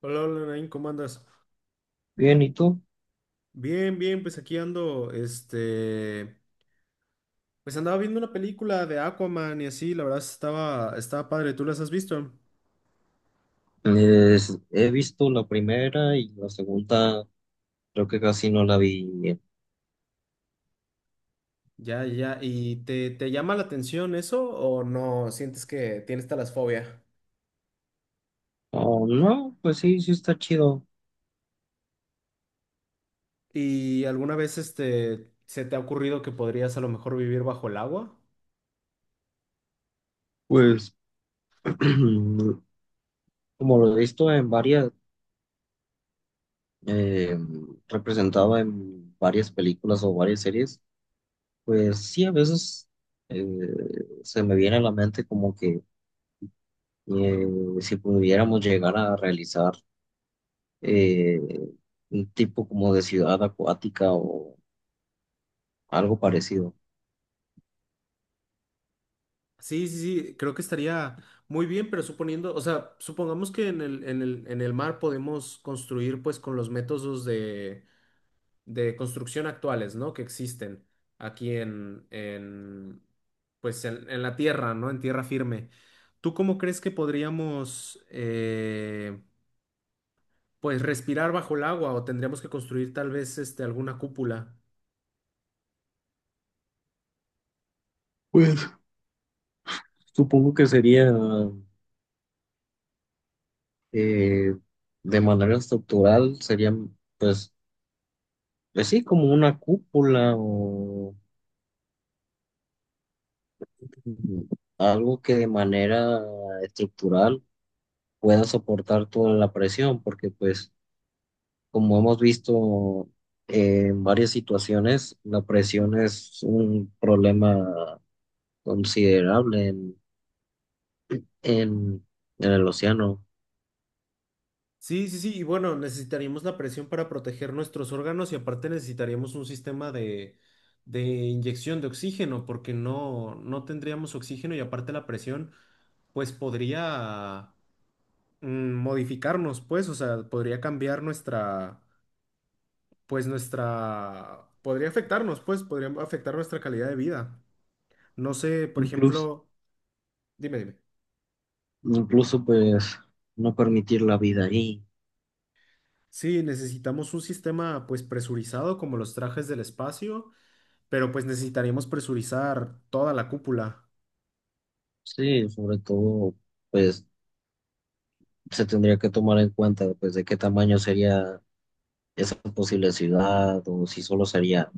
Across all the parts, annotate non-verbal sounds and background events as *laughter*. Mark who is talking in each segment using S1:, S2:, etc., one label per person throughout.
S1: Hola, hola, Nain, ¿cómo andas?
S2: Bien, ¿y tú?
S1: Bien, bien, pues aquí ando, pues andaba viendo una película de Aquaman y así, la verdad estaba padre. ¿Tú las has visto?
S2: He visto la primera y la segunda, creo que casi no la vi bien.
S1: Ya, ya, ¿y te llama la atención eso o no sientes que tienes talasfobia?
S2: Oh, no, pues sí, sí está chido.
S1: ¿Y alguna vez, se te ha ocurrido que podrías a lo mejor vivir bajo el agua?
S2: Pues, *clears throat* como lo he visto en varias, eh, representado en varias películas o varias series, pues sí, a veces eh, se me viene a la mente como que, eh, si pudiéramos llegar a realizar eh, un tipo como de ciudad acuática o algo parecido.
S1: Sí, sí, sí, creo que estaría muy bien, pero suponiendo, o sea, supongamos que en el mar podemos construir pues con los métodos de construcción actuales, ¿no? Que existen en pues en la tierra, ¿no? En tierra firme. ¿Tú cómo crees que podríamos, pues, respirar bajo el agua o tendríamos que construir tal vez este, alguna cúpula?
S2: pues Supongo que sería, eh, de manera estructural, sería pues, pues sí, como una cúpula o algo que de manera estructural pueda soportar toda la presión, porque pues como hemos visto, en varias situaciones, la presión es un problema considerable en, en el océano,
S1: Sí, sí, sí, y bueno, necesitaríamos la presión para proteger nuestros órganos y aparte necesitaríamos un sistema de inyección de oxígeno porque no tendríamos oxígeno y aparte la presión, pues podría modificarnos, pues, o sea, podría cambiar pues nuestra, podría afectarnos, pues, podría afectar nuestra calidad de vida. No sé, por
S2: incluso,
S1: ejemplo, dime, dime.
S2: incluso pues no permitir la vida ahí.
S1: Sí, necesitamos un sistema, pues, presurizado como los trajes del espacio, pero pues necesitaríamos presurizar toda la cúpula.
S2: Sí, sobre todo, pues se tendría que tomar en cuenta, pues, de qué tamaño sería esa posible ciudad, o si solo sería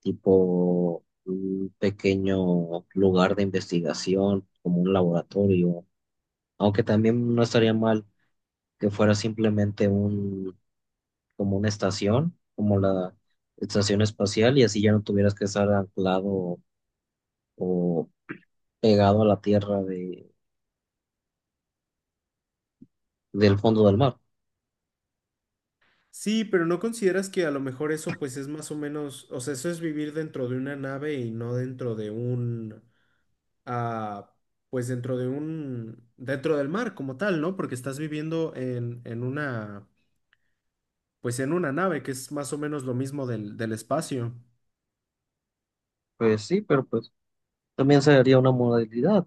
S2: tipo un pequeño lugar de investigación, como un laboratorio, aunque también no estaría mal que fuera simplemente un, como una estación, como la estación espacial, y así ya no tuvieras que estar anclado o pegado a la tierra de, del fondo del mar.
S1: Sí, pero ¿no consideras que a lo mejor eso, pues, es más o menos, o sea, eso es vivir dentro de una nave y no dentro de un a, pues dentro del mar como tal, ¿no? Porque estás viviendo en una, pues en una nave, que es más o menos lo mismo del espacio.
S2: Pues sí, pero pues... También sería una modalidad.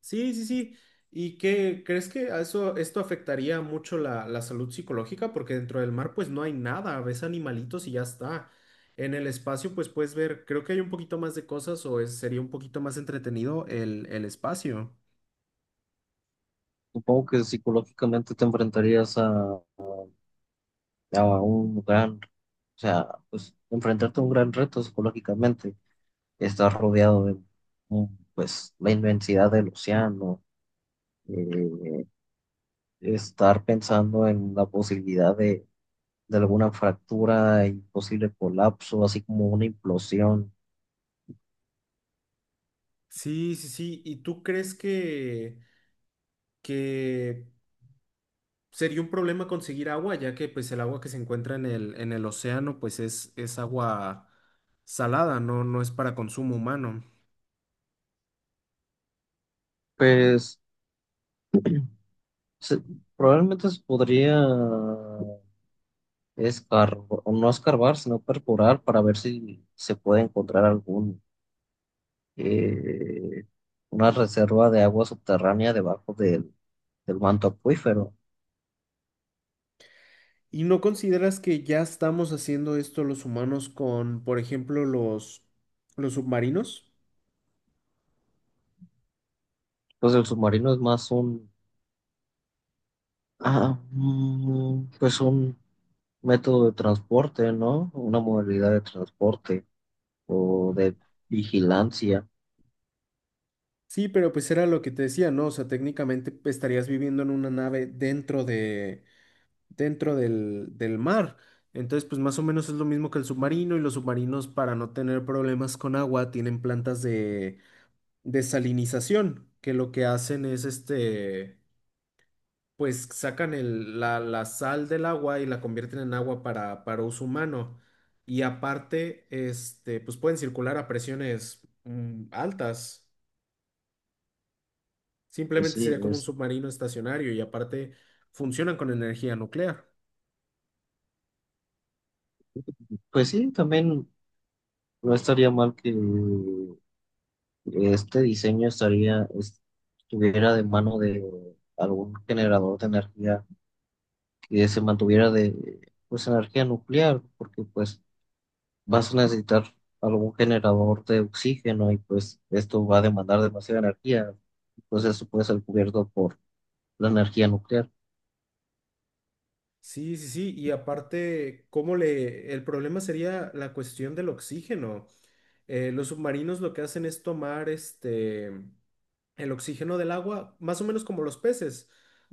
S1: Sí, sí, sí. ¿Y qué crees que a eso, esto afectaría mucho la salud psicológica? Porque dentro del mar, pues no hay nada, ves animalitos y ya está. En el espacio, pues puedes ver, creo que hay un poquito más de cosas o es- sería un poquito más entretenido el espacio.
S2: Supongo que psicológicamente te enfrentarías a un gran, o sea, pues enfrentarte a un gran reto psicológicamente. Estás rodeado de, mm, pues, la inmensidad del océano, eh, estar pensando en la posibilidad de alguna fractura y posible colapso, así como una implosión.
S1: Sí, sí, sí. ¿Y tú crees que sería un problema conseguir agua, ya que pues el agua que se encuentra en el océano pues es agua salada? No, no es para consumo humano.
S2: Pues se- probablemente se podría. Es car- no escarbar, sino perforar para ver si se puede encontrar algún, eh, una reserva de agua subterránea debajo del, del manto acuífero.
S1: ¿Y no consideras que ya estamos haciendo esto los humanos con, por ejemplo, los submarinos?
S2: Pues el submarino es más un, pues un método de transporte, ¿no? Una modalidad de transporte o de vigilancia.
S1: Sí, pero pues era lo que te decía, ¿no? O sea, técnicamente pues, estarías viviendo en una nave dentro del mar. Entonces, pues más o menos es lo mismo que el submarino, y los submarinos para no tener problemas con agua tienen plantas de desalinización, que lo que hacen es este, pues sacan el- la sal del agua y la convierten en agua para uso humano. Y aparte, este, pues pueden circular a presiones altas.
S2: Pues
S1: Simplemente
S2: sí,
S1: sería como un
S2: es,
S1: submarino estacionario, y aparte funcionan con energía nuclear.
S2: pues sí, también no estaría mal que este diseño estaría, estuviera de mano de algún generador de energía que se mantuviera de pues energía nuclear, porque pues vas a necesitar algún generador de oxígeno y pues esto va a demandar demasiada energía, pues eso puede ser cubierto por la energía nuclear.
S1: Sí, sí, sí. Y aparte, ¿cómo le... El problema sería la cuestión del oxígeno. Los submarinos lo que hacen es tomar este el oxígeno del agua, más o menos como los peces,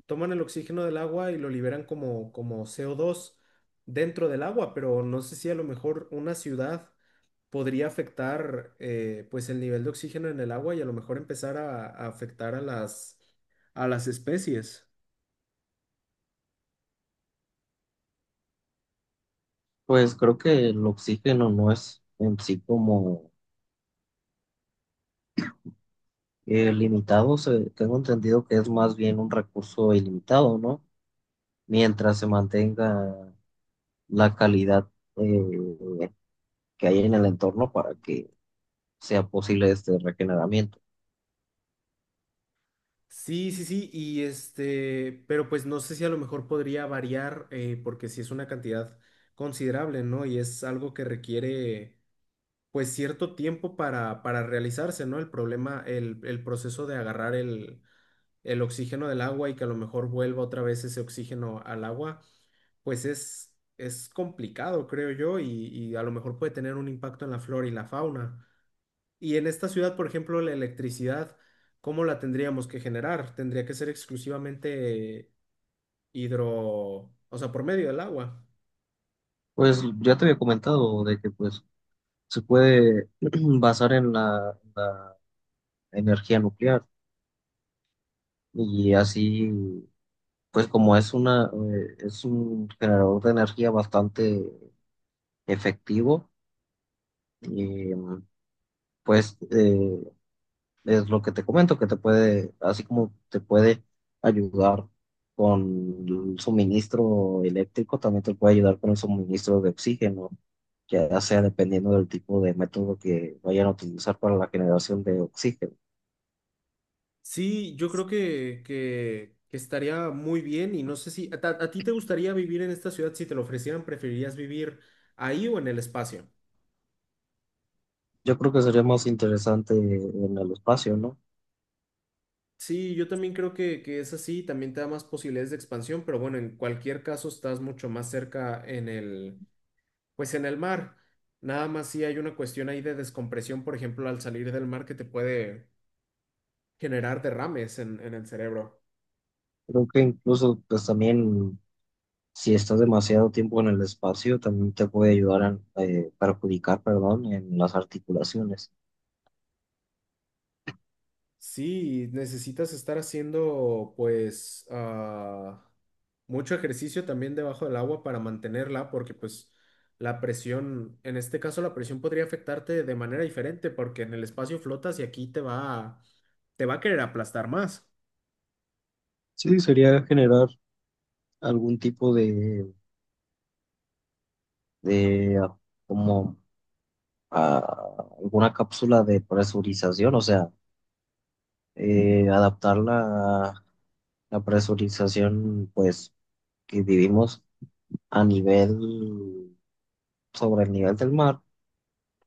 S1: toman el oxígeno del agua y lo liberan como CO2 dentro del agua, pero no sé si a lo mejor una ciudad podría afectar pues el nivel de oxígeno en el agua y a lo mejor empezar a afectar a a las especies.
S2: Pues creo que el oxígeno no es en sí como, limitado, tengo entendido que es más bien un recurso ilimitado, ¿no? Mientras se mantenga la calidad, eh, que hay en el entorno para que sea posible este regeneramiento.
S1: Sí, sí, sí, y este, pero pues no sé si a lo mejor podría variar, porque si es una cantidad considerable, ¿no? Y es algo que requiere pues cierto tiempo para realizarse, ¿no? El problema, el proceso de agarrar el oxígeno del agua y que a lo mejor vuelva otra vez ese oxígeno al agua, pues es complicado, creo yo, y a lo mejor puede tener un impacto en la flora y la fauna. Y en esta ciudad, por ejemplo, la electricidad, ¿cómo la tendríamos que generar? Tendría que ser exclusivamente hidro, o sea, por medio del agua.
S2: Pues ya te había comentado de que pues se puede *clears throat* basar en la energía nuclear, y así pues como es una es un generador de energía bastante efectivo, eh, pues es lo que te comento, que te puede, así como te puede ayudar con el suministro eléctrico, también te puede ayudar con el suministro de oxígeno, ya sea dependiendo del tipo de método que vayan a utilizar para la generación de oxígeno.
S1: Sí, yo creo que estaría muy bien, y no sé si a, ta- a ti te gustaría vivir en esta ciudad. Si te lo ofrecieran, ¿preferirías vivir ahí o en el espacio?
S2: Yo creo que sería más interesante en el espacio, ¿no?
S1: Sí, yo también creo que es así, también te da más posibilidades de expansión, pero bueno, en cualquier caso estás mucho más cerca pues en el mar. Nada más si hay una cuestión ahí de descompresión, por ejemplo, al salir del mar que te puede generar derrames en el cerebro.
S2: Creo que incluso, pues también, si estás demasiado tiempo en el espacio, también te puede ayudar a perjudicar, perdón, en las articulaciones.
S1: Sí, necesitas estar haciendo pues mucho ejercicio también debajo del agua para mantenerla porque pues la presión, en este caso la presión podría afectarte de manera diferente porque en el espacio flotas y aquí te va a querer aplastar más.
S2: Sí, sería generar algún tipo de como alguna cápsula de presurización, o sea, adaptar la presurización pues que vivimos a nivel, sobre el nivel del mar,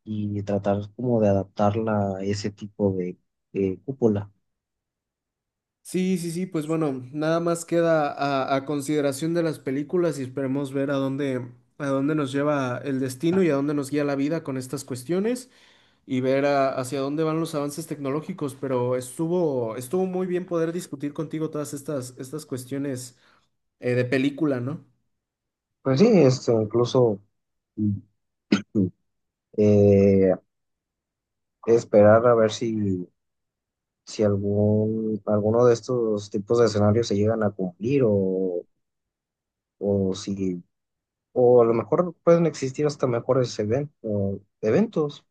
S2: y tratar como de adaptarla a ese tipo de cúpula.
S1: Sí, sí, sí, pues bueno, nada más queda a consideración de las películas y esperemos ver a dónde nos lleva el destino y a dónde nos guía la vida con estas cuestiones, y ver a- hacia dónde van los avances tecnológicos, pero estuvo muy bien poder discutir contigo todas estas cuestiones de película, ¿no?
S2: Pues sí, esto incluso, mm, eh, esperar a ver si, si algún, alguno de estos tipos de escenarios se llegan a cumplir, o si. O a lo mejor pueden existir hasta mejores o eventos,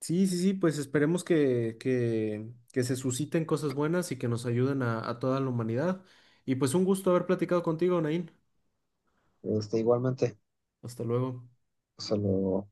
S1: Sí, sí, sí, pues esperemos que se susciten cosas buenas y que nos ayuden a toda la humanidad. Y pues un gusto haber platicado contigo, Nain.
S2: este, igualmente.
S1: Hasta luego.
S2: O sea, lo,